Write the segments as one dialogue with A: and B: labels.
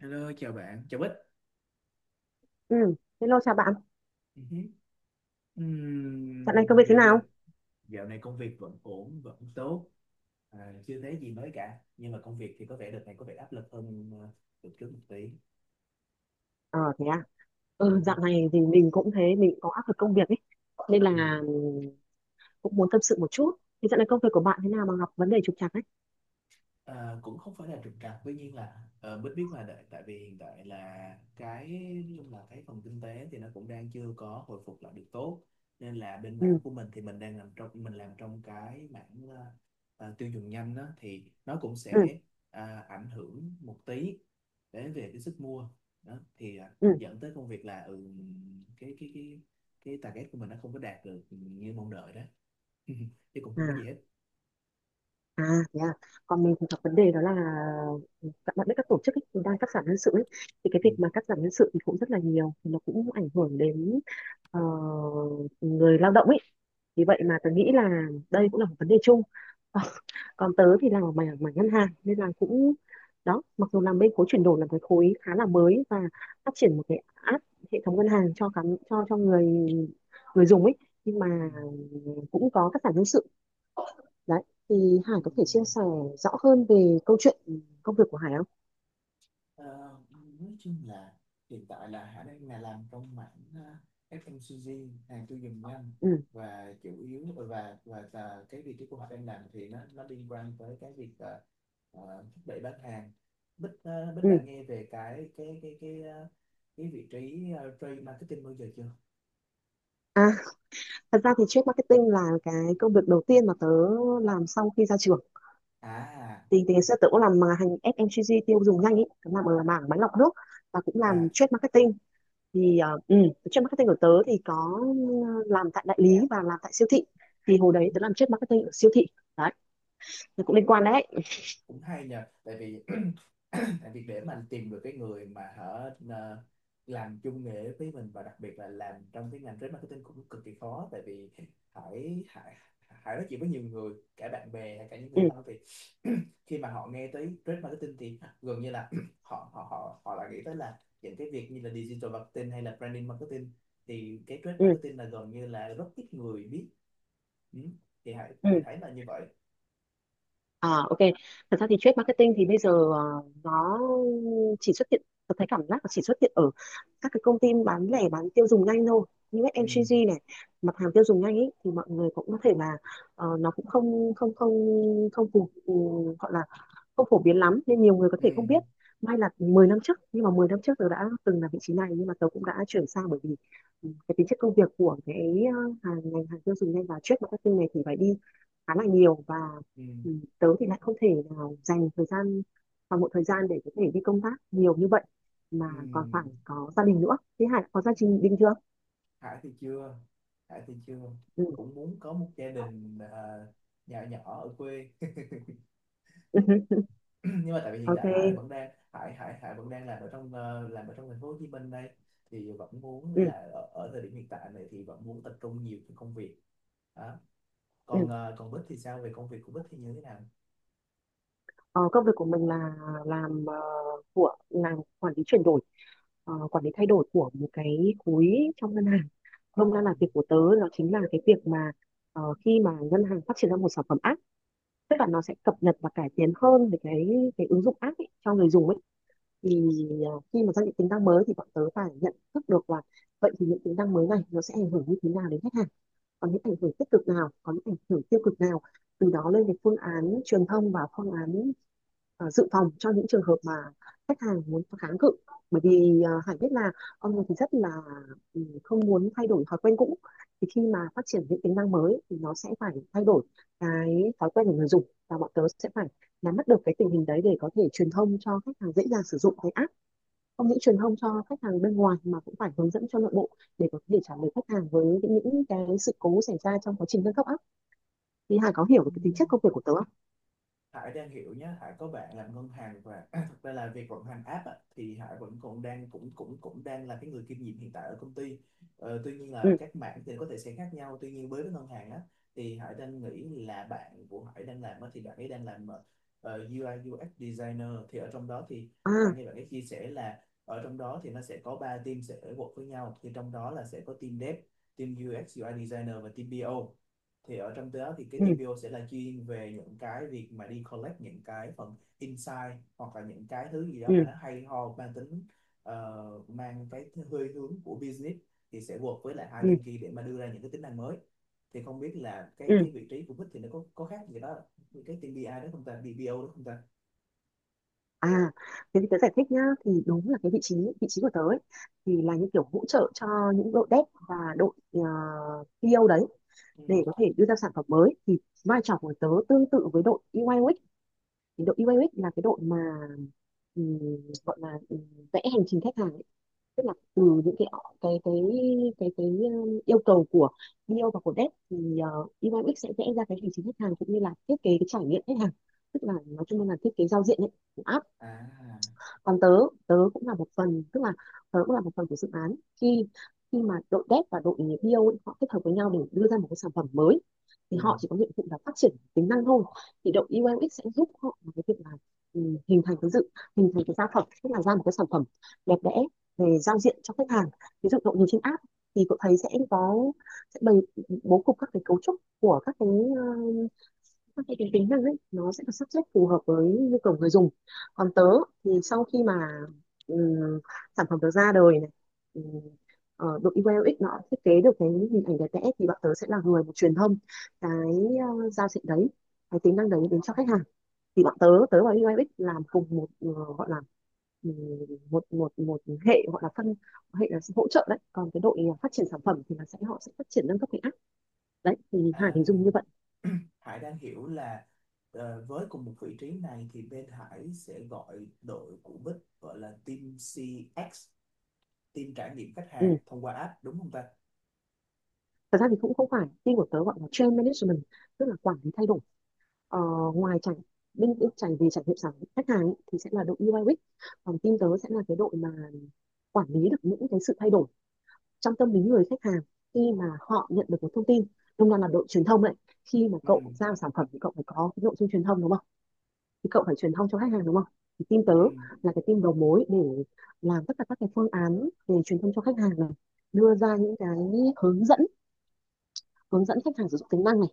A: Hello, chào bạn, chào Bích.
B: Ừ, hello chào bạn.
A: Ừ hứ.
B: Dạo này công việc thế
A: Dạo giờ
B: nào?
A: dạo này công việc vẫn ổn, vẫn tốt, chưa thấy gì mới cả. Nhưng mà công việc thì có vẻ đợt này có vẻ áp lực hơn đợt trước một tí.
B: Ờ thế à.
A: Ừ
B: Ừ,
A: hứ.
B: dạo này thì mình cũng thế, mình cũng có áp lực công việc ấy. Nên
A: Ừ.
B: là cũng muốn tâm sự một chút. Thì dạo này công việc của bạn thế nào mà gặp vấn đề trục trặc ấy?
A: À, cũng không phải là trục trặc, tuy nhiên là Bích biết mà đợi, tại vì hiện tại là cái, nói chung là cái phần kinh tế thì nó cũng đang chưa có hồi phục lại được tốt, nên là bên mảng
B: Ừ,
A: của mình thì mình làm trong cái mảng tiêu dùng nhanh đó, thì nó cũng
B: ừ,
A: sẽ ảnh hưởng một tí đến về cái sức mua đó, thì
B: ừ.
A: dẫn tới công việc là cái cái cái cái target của mình nó không có đạt được như mong đợi đó, chứ cũng không có gì
B: À,
A: hết.
B: à thế à. Còn mình thì gặp vấn đề đó là các bạn biết các tổ chức ấy, thì đang cắt giảm nhân sự ấy. Thì cái
A: Ừ.
B: việc mà cắt giảm nhân sự thì cũng rất là nhiều, thì nó cũng ảnh hưởng đến ờ, người lao động ấy. Vì vậy mà tôi nghĩ là đây cũng là một vấn đề chung. Còn tớ thì làm ở mảng mảng ngân hàng nên là cũng đó, mặc dù làm bên khối chuyển đổi là cái khối khá là mới và phát triển một cái app hệ thống ngân hàng cho khán cho người người dùng ấy, nhưng mà
A: Ừ.
B: cũng có cắt giảm nhân sự đấy. Thì
A: Ừ.
B: Hải có thể chia sẻ rõ hơn về câu chuyện công việc của Hải không?
A: Ờ, nói chung là hiện tại là Hải đang là làm trong mảng FMCG, hàng tiêu dùng nhanh,
B: Ừ,
A: và chủ yếu và cái vị trí của Hải đang làm thì nó liên quan tới cái việc thúc đẩy bán hàng. Bích đã
B: ừ.
A: nghe về cái vị trí trade marketing bao giờ chưa?
B: À, thật ra thì trade marketing là cái công việc đầu tiên mà tớ làm sau khi ra trường.
A: à
B: Thì ngày xưa tớ cũng làm mà hành FMCG tiêu dùng nhanh ấy, tớ làm ở mảng máy lọc nước và cũng làm
A: à
B: trade marketing. Thì trade marketing của tớ thì có làm tại đại lý và làm tại siêu thị, thì hồi đấy tớ
A: cũng
B: làm trade marketing ở siêu thị đấy, nó cũng liên quan đấy.
A: cũng hay nhờ, tại vì tại vì để mà anh tìm được cái người mà hở làm chung nghề với mình, và đặc biệt là làm trong cái ngành trade marketing cũng cực kỳ khó, tại vì Hải Hải Hải nói chuyện với nhiều người, cả bạn bè hay cả những
B: Ừ,
A: người thân, thì khi mà họ nghe tới trade marketing thì gần như là họ họ họ họ lại nghĩ tới là những cái việc như là digital marketing hay là branding marketing, thì cái trade
B: ừ,
A: marketing là gần như là rất ít người biết. Ừ. Thì Hải
B: ừ.
A: Hải thấy là như vậy.
B: À, ok, thật ra thì trade marketing thì bây giờ nó chỉ xuất hiện, tớ thấy cảm giác là chỉ xuất hiện ở các cái công ty bán lẻ bán tiêu dùng nhanh thôi, như
A: Ừ.
B: FMCG này, mặt hàng tiêu dùng nhanh ấy, thì mọi người cũng có thể là nó cũng không không phù gọi là không phổ biến lắm nên nhiều người có
A: Ừ.
B: thể không biết. May là 10 năm trước, nhưng mà 10 năm trước tớ đã từng là vị trí này, nhưng mà tớ cũng đã chuyển sang bởi vì ừ, cái tính chất công việc của cái ngành hàng tiêu dùng nhanh và trade marketing này thì phải đi khá là nhiều và
A: Ừ.
B: ừ, tớ thì lại không thể nào dành thời gian, toàn bộ thời gian để có thể đi công tác nhiều như vậy, mà
A: Ừ.
B: còn phải có gia đình nữa. Thế Hải có gia đình chưa?
A: Hải thì chưa. Hải thì chưa.
B: Ừ.
A: Cũng muốn có một gia đình nhỏ nhỏ ở quê nhưng mà tại vì hiện
B: Ok.
A: tại là Hải vẫn đang làm ở trong làm ở trong thành phố Hồ Chí Minh đây, thì vẫn muốn
B: Ừ.
A: là ở thời điểm hiện tại này thì vẫn muốn tập trung nhiều cho công việc đó.
B: Ừ.
A: Còn còn Bích thì sao, về công việc của Bích thì như thế nào?
B: Ờ, công việc của mình là làm ờ, của làm quản lý chuyển đổi, quản lý thay đổi của một cái khối trong ngân hàng. Hôm nay là việc của tớ nó chính là cái việc mà khi mà ngân hàng phát triển ra một sản phẩm app, tức là nó sẽ cập nhật và cải tiến hơn về cái ứng dụng app ấy, cho người dùng ấy. Thì khi mà ra những tính năng mới thì bọn tớ phải nhận thức được là vậy thì những tính năng mới này nó sẽ ảnh hưởng như thế nào đến khách hàng, có những ảnh hưởng tích cực nào, có những ảnh hưởng tiêu cực nào, từ đó lên cái phương án truyền thông và phương án dự phòng cho những trường hợp mà khách hàng muốn kháng cự. Bởi vì Hải biết là con người thì rất là không muốn thay đổi thói quen cũ, thì khi mà phát triển những tính năng mới thì nó sẽ phải thay đổi cái thói quen của người dùng, và bọn tớ sẽ phải nắm bắt được cái tình hình đấy để có thể truyền thông cho khách hàng dễ dàng sử dụng cái app, không những truyền thông cho khách hàng bên ngoài mà cũng phải hướng dẫn cho nội bộ để có thể trả lời khách hàng với những cái sự cố xảy ra trong quá trình nâng cấp á. Thì Hà có hiểu
A: Ừ.
B: được cái tính chất công việc của tớ không?
A: Hải đang hiểu nhé, Hải có bạn làm ngân hàng, và thực ra là việc vận hành app á, thì Hải vẫn còn đang cũng cũng cũng đang là cái người kiêm nhiệm hiện tại ở công ty. Ờ, tuy nhiên là
B: Ừ,
A: các mảng thì có thể sẽ khác nhau. Tuy nhiên với cái ngân hàng á, thì Hải đang nghĩ là bạn của Hải đang làm á, thì bạn ấy đang làm UI UX designer. Thì ở trong đó thì
B: à,
A: Hải nghe bạn ấy chia sẻ là ở trong đó thì nó sẽ có 3 team sẽ work với nhau, thì trong đó là sẽ có team dev, team UX UI designer và team PO. Thì ở trong đó thì cái
B: ừ,
A: team PO sẽ là chuyên về những cái việc mà đi collect những cái phần insight hoặc là những cái thứ gì đó mà
B: ừ,
A: nó hay ho, mang tính mang cái hơi hướng của business, thì sẽ work với lại hai
B: ừ,
A: team kia để mà đưa ra những cái tính năng mới. Thì không biết là cái
B: ừ.
A: cái vị trí của Bích thì nó có khác gì đó như cái team BI đó không ta, BPO đó không ta?
B: À thế thì tớ giải thích nhá, thì đúng là cái vị trí của tớ ấy, thì là như kiểu hỗ trợ cho những đội dev và đội PO đấy,
A: Ừ.
B: để có thể đưa ra sản phẩm mới, thì vai trò của tớ tương tự với đội UI UX. Thì đội UI UX là cái đội mà gọi là vẽ hành trình khách hàng ấy. Tức là từ những cái cái cái yêu cầu của bio và của dev thì UIX sẽ vẽ ra cái hành trình khách hàng cũng như là thiết kế cái trải nghiệm khách hàng, tức là nói chung là thiết kế giao diện ấy, của app.
A: À.
B: Còn tớ, tớ cũng là một phần tức là tớ cũng là một phần của dự án khi khi mà đội dev và đội bio ấy, họ kết hợp với nhau để đưa ra một cái sản phẩm mới, thì
A: Ừ.
B: họ chỉ có nhiệm vụ là phát triển tính năng thôi, thì đội UX sẽ giúp họ vào cái việc là ừ, hình thành cái dự hình thành cái sản phẩm, tức là ra một cái sản phẩm đẹp đẽ về giao diện cho khách hàng. Ví dụ cậu nhìn trên app thì cậu thấy sẽ có, sẽ bày bố cục các cái cấu trúc của các cái ờ, thì cái tính năng ấy nó sẽ được sắp xếp phù hợp với nhu cầu người dùng. Còn tớ thì sau khi mà ừm, sản phẩm tớ ra đời này, ừm, đội UI UX nó thiết kế được cái hình ảnh đẹp đẽ thì bọn tớ sẽ là người mà truyền thông cái giao diện đấy, cái tính năng đấy đến cho khách hàng. Thì bọn tớ tớ và UI UX làm cùng một ờ, gọi là ừm, một một một hệ, gọi là phân hệ, là hỗ trợ đấy. Còn cái đội phát triển sản phẩm thì là sẽ, họ sẽ phát triển nâng cấp cái app đấy. Thì Hải hình dung
A: À.
B: như vậy.
A: Hải đang hiểu là với cùng một vị trí này thì bên Hải sẽ gọi đội của Bích gọi là team CX, team trải nghiệm khách hàng
B: Ừ.
A: thông qua app, đúng không ta?
B: Thật ra thì cũng không phải, team của tớ gọi là change management, tức là quản lý thay đổi. Ờ, ngoài trải bên bên trải Về trải nghiệm sản khách hàng ý, thì sẽ là đội UI UX, còn team tớ sẽ là cái đội mà quản lý được những cái sự thay đổi trong tâm lý người khách hàng khi mà họ nhận được một thông tin, đồng đoàn là đội truyền thông đấy. Khi mà
A: Ừ.
B: cậu giao sản phẩm thì cậu phải có cái nội dung truyền thông đúng không, thì cậu phải truyền thông cho khách hàng đúng không, thì team tớ
A: Ừ.
B: là cái team đầu mối để làm tất cả các cái phương án về truyền thông cho khách hàng này, đưa ra những cái hướng dẫn hướng dẫn khách hàng sử dụng tính năng này,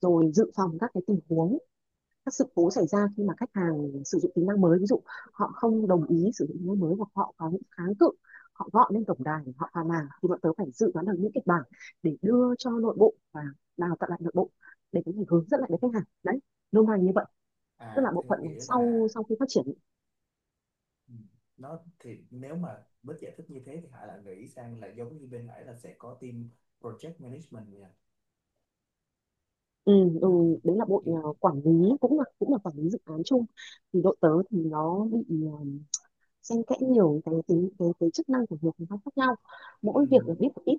B: rồi dự phòng các cái tình huống, các sự cố xảy ra khi mà khách hàng sử dụng tính năng mới, ví dụ họ không đồng ý sử dụng tính năng mới hoặc họ có những kháng cự, họ gọi lên tổng đài họ phàn nàn, thì bọn tớ phải dự đoán được những kịch bản để đưa cho nội bộ và đào tạo lại nội bộ để có thể hướng dẫn lại với khách hàng đấy, nôm na như vậy. Tức là
A: À
B: bộ
A: thế
B: phận
A: nghĩa là
B: sau sau khi phát triển.
A: ừ, nó thì nếu mà với giải thích như thế thì Hải lại nghĩ sang là giống như bên Hải là sẽ có team project management nha.
B: ừ, ừ,
A: Nó cũng
B: Đấy là bộ
A: ừ.
B: quản lý cũng là quản lý dự án chung. Thì đội tớ thì nó bị xen kẽ nhiều cái tính cái chức năng của nhiều phòng ban khác nhau,
A: Ừ.
B: mỗi việc được biết một ít.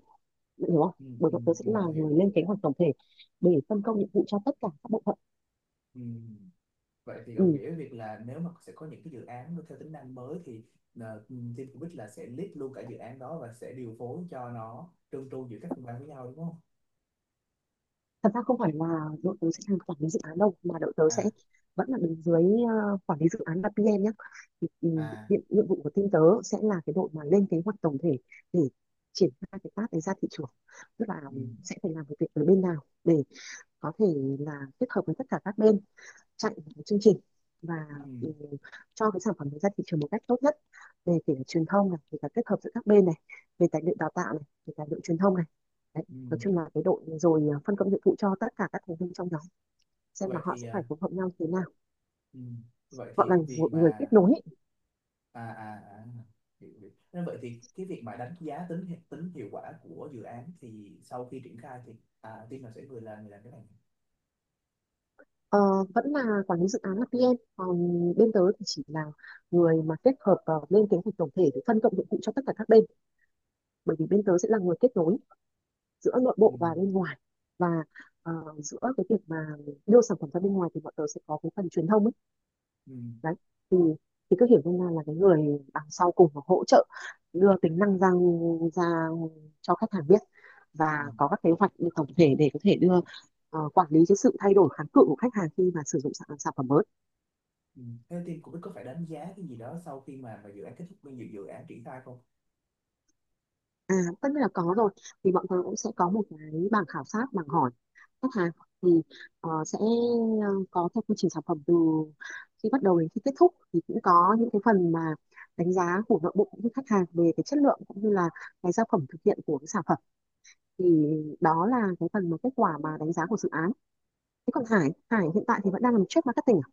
B: Bạn hiểu không?
A: ừ,
B: Bởi
A: ừ,
B: vậy tớ
A: ừ,
B: sẽ là người
A: hiểu.
B: lên kế hoạch tổng thể để phân công nhiệm vụ cho tất cả các bộ phận.
A: Ừ. Vậy thì đồng
B: Ừ.
A: nghĩa việc là nếu mà sẽ có những cái dự án nó theo tính năng mới thì team của Bích là sẽ lead luôn cả dự án đó và sẽ điều phối cho nó trơn tru giữa các phòng ban với nhau, đúng không?
B: Thật ra không phải là đội tớ sẽ làm quản lý dự án đâu, mà đội tớ sẽ
A: À.
B: vẫn là đứng dưới quản lý dự án là PM nhé. Thì, ừ, nhiệm,
A: À.
B: nhiệm vụ của team tớ sẽ là cái đội mà lên kế hoạch tổng thể để triển khai cái task đấy ra thị trường. Tức là
A: Ừ.
B: sẽ phải làm việc ở bên nào để có thể là kết hợp với tất cả các bên, chặn chương trình, và
A: Ừ.
B: ừ, cho cái sản phẩm đấy ra thị trường một cách tốt nhất, về kể cả truyền thông này, về cả kết hợp giữa các bên này, về tài liệu đào tạo này, về tài liệu truyền thông này, đấy,
A: Ừ.
B: nói chung là cái đội rồi phân công nhiệm vụ cho tất cả các thành viên trong nhóm, xem là
A: Vậy
B: họ
A: thì
B: sẽ phải phối hợp nhau thế nào,
A: ừ, vậy
B: gọi
A: thì
B: là
A: việc
B: một người kết
A: mà
B: nối.
A: à. Hiểu, hiểu. Nên vậy thì cái việc mà đánh giá tính hiệu quả của dự án thì sau khi triển khai thì à, team nào sẽ người làm cái này?
B: Ờ, vẫn là quản lý dự án là PM, còn bên tớ thì chỉ là người mà kết hợp lên kế hoạch tổng thể để phân công nhiệm vụ cho tất cả các bên, bởi vì bên tớ sẽ là người kết nối giữa nội
A: ừ,
B: bộ và bên ngoài, và ờ, giữa cái việc mà đưa sản phẩm ra bên ngoài thì bọn tớ sẽ có cái phần truyền thông ấy.
A: ừ,
B: Đấy, thì thì cứ hiểu nôm na là cái người đằng sau cùng và hỗ trợ đưa tính năng ra ra cho khách hàng biết, và
A: ừ,
B: có các kế hoạch tổng thể để có thể đưa quản lý cái sự thay đổi kháng cự của khách hàng khi mà sử dụng sản phẩm mới.
A: ừ. Thế team của Bích có phải đánh giá cái gì đó sau khi mà dự án kết thúc, bao nhiêu dự án triển khai không?
B: À, tất nhiên là có rồi, thì bọn tôi cũng sẽ có một cái bảng khảo sát, bảng hỏi khách hàng, thì sẽ có theo quy trình sản phẩm từ khi bắt đầu đến khi kết thúc, thì cũng có những cái phần mà đánh giá của nội bộ cũng như khách hàng về cái chất lượng cũng như là cái sản phẩm thực hiện của cái sản phẩm, thì đó là cái phần mà kết quả mà đánh giá của dự án. Thế còn Hải Hải hiện tại thì vẫn đang làm trade marketing à?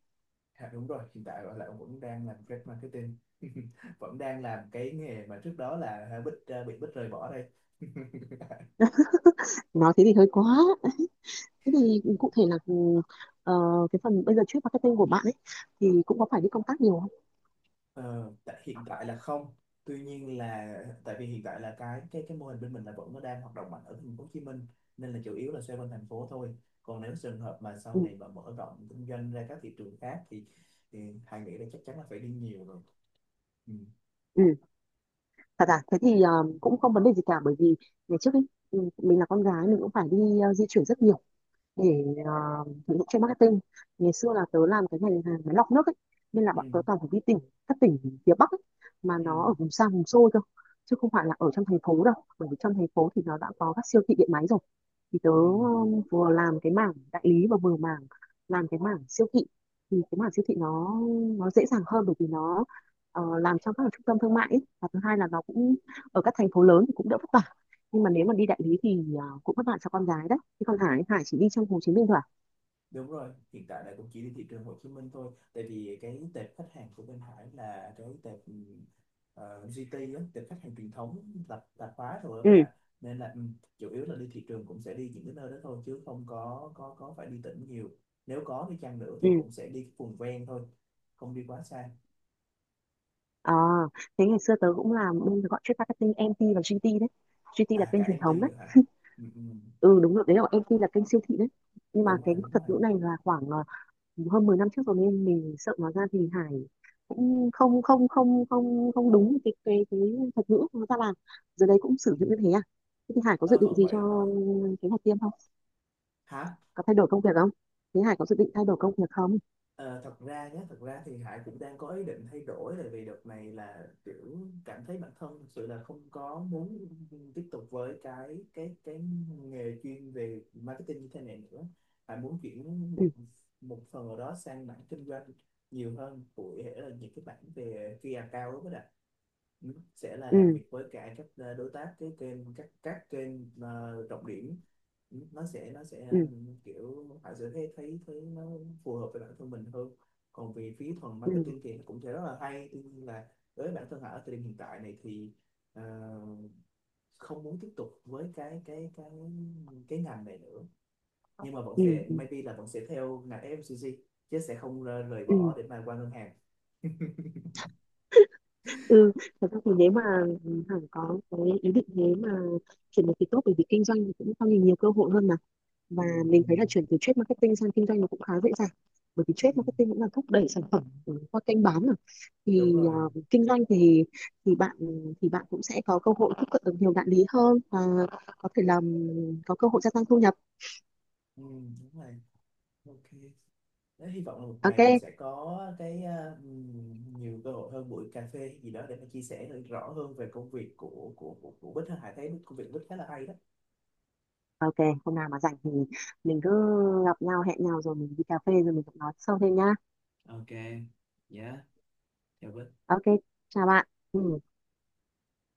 A: À, đúng rồi, hiện tại là ông vẫn đang làm trade marketing. Vẫn đang làm cái nghề mà trước đó là Bích bị Bích rời bỏ đây.
B: Nói thế thì hơi quá. Thế thì cụ thể là ờ, cái phần bây giờ trade marketing của bạn ấy thì cũng có phải đi công tác nhiều không?
A: Ờ, tại hiện tại là không. Tuy nhiên là tại vì hiện tại là cái cái mô hình bên mình là vẫn nó đang hoạt động mạnh ở thành phố Hồ Chí Minh, nên là chủ yếu là xoay quanh thành phố thôi. Còn nếu trường hợp mà sau này
B: Ừ.
A: mà mở rộng kinh doanh ra các thị trường khác thì Hải nghĩ là chắc chắn là phải đi nhiều rồi. Ừ.
B: Ừ. Thật à? Thế thì cũng không vấn đề gì cả, bởi vì ngày trước ấy, mình là con gái, mình cũng phải đi di chuyển rất nhiều để sử dụng cho marketing. Ngày xưa là tớ làm cái ngành hàng máy lọc nước ấy, nên là
A: Ừ.
B: bọn tớ toàn phải đi tỉnh, các tỉnh phía Bắc ấy, mà
A: Ừ.
B: nó ở vùng xa vùng xôi thôi, chứ không phải là ở trong thành phố đâu, bởi vì trong thành phố thì nó đã có các siêu thị điện máy rồi, thì tớ
A: Ừ.
B: vừa làm cái mảng đại lý và vừa mảng làm cái mảng siêu thị, thì cái mảng siêu thị nó dễ dàng hơn, bởi vì nó làm trong các trung tâm thương mại ấy. Và thứ hai là nó cũng ở các thành phố lớn thì cũng đỡ vất vả, nhưng mà nếu mà đi đại lý thì cũng vất vả cho con gái đấy, chứ còn Hải Hải chỉ đi trong Hồ Chí Minh thôi à?
A: Đúng rồi, hiện tại là cũng chỉ đi thị trường Hồ Chí Minh thôi. Tại vì cái tệp khách hàng của bên Hải là cái tệp GT á, tệp khách hàng truyền thống, tạp tạp hóa rồi
B: Ừ.
A: với lại, nên là chủ yếu là đi thị trường cũng sẽ đi những cái nơi đó thôi, chứ không có phải đi tỉnh nhiều. Nếu có đi chăng nữa
B: Ừ.
A: thì cũng sẽ đi cái vùng ven thôi, không đi quá xa.
B: À, thế ngày xưa tớ cũng làm bên gọi trade marketing MT và GT đấy, GT là
A: À cả
B: kênh truyền
A: MT
B: thống đấy.
A: nữa hả? Ừ, ừ,
B: Ừ, đúng rồi, đấy là MT là kênh siêu thị đấy, nhưng mà
A: Đúng
B: cái
A: rồi, đúng
B: thuật
A: rồi.
B: ngữ này là khoảng hơn 10 năm trước rồi, nên mình sợ nói ra thì Hải cũng không không không không không đúng cái thuật ngữ nó ra làm giờ đấy cũng
A: Ừ.
B: sử dụng như thế à? Thế thì Hải có dự
A: Ờ,
B: định
A: vẫn
B: gì
A: vậy
B: cho
A: thôi.
B: kế hoạch tiêm không?
A: Hả?
B: Có thay đổi công việc không? Thế Hải có dự định thay đổi công việc không?
A: Ờ, thật ra nhé, thật ra thì Hải cũng đang có ý định thay đổi, tại vì đợt này là kiểu cảm thấy bản thân thực sự là không có muốn tiếp tục với cái nghề chuyên về marketing như thế này nữa. Hải muốn chuyển
B: Ừ.
A: một một phần ở đó sang mảng kinh doanh nhiều hơn, cụ thể là những cái mảng về key account đó. Ừ, sẽ là làm
B: Ừ.
A: việc với cả các đối tác, cái kênh, các kênh trọng điểm. Nó sẽ
B: Ừ.
A: kiểu họ sẽ thấy thấy thấy nó phù hợp với bản thân mình hơn. Còn về phía thuần
B: Ừ.
A: marketing thì nó cũng sẽ rất là hay, tuy nhiên là với bản thân họ ở thời điểm hiện tại này thì ờ, không muốn tiếp tục với cái ngành này nữa, nhưng mà bọn
B: Ừ.
A: sẽ
B: Ừ.
A: maybe là bọn sẽ theo ngành FMCG, chứ sẽ không rời rời
B: Ừ.
A: bỏ để mà qua ngân hàng.
B: Ừ, thật ra thì nếu mà Hằng có cái ý định thế mà chuyển được thì tốt, bởi vì kinh doanh thì cũng cho mình nhiều cơ hội hơn mà, và
A: ừ, ừ,
B: mình thấy là chuyển từ trade marketing sang kinh doanh nó cũng khá dễ dàng, bởi vì
A: ừ,
B: trade marketing cũng là thúc đẩy sản phẩm qua kênh bán mà,
A: Đúng
B: thì
A: rồi.
B: kinh doanh thì bạn thì bạn cũng sẽ có cơ hội tiếp cận được nhiều đại lý hơn và có thể làm có cơ hội gia tăng thu nhập.
A: Ừ, đúng rồi. OK. Thế hy vọng là một
B: Ok.
A: ngày mình sẽ có cái nhiều cơ hội hơn, buổi cà phê gì đó để mà chia sẻ được rõ hơn về công việc của của Bích ha. Hải thấy công việc Bích khá là hay đó.
B: Ok, hôm nào mà rảnh thì mình cứ gặp nhau, hẹn nhau rồi mình đi cà phê rồi mình cũng nói sâu thêm nhá.
A: OK. Dạ, chào Bích.
B: Ok, chào bạn. Ừ.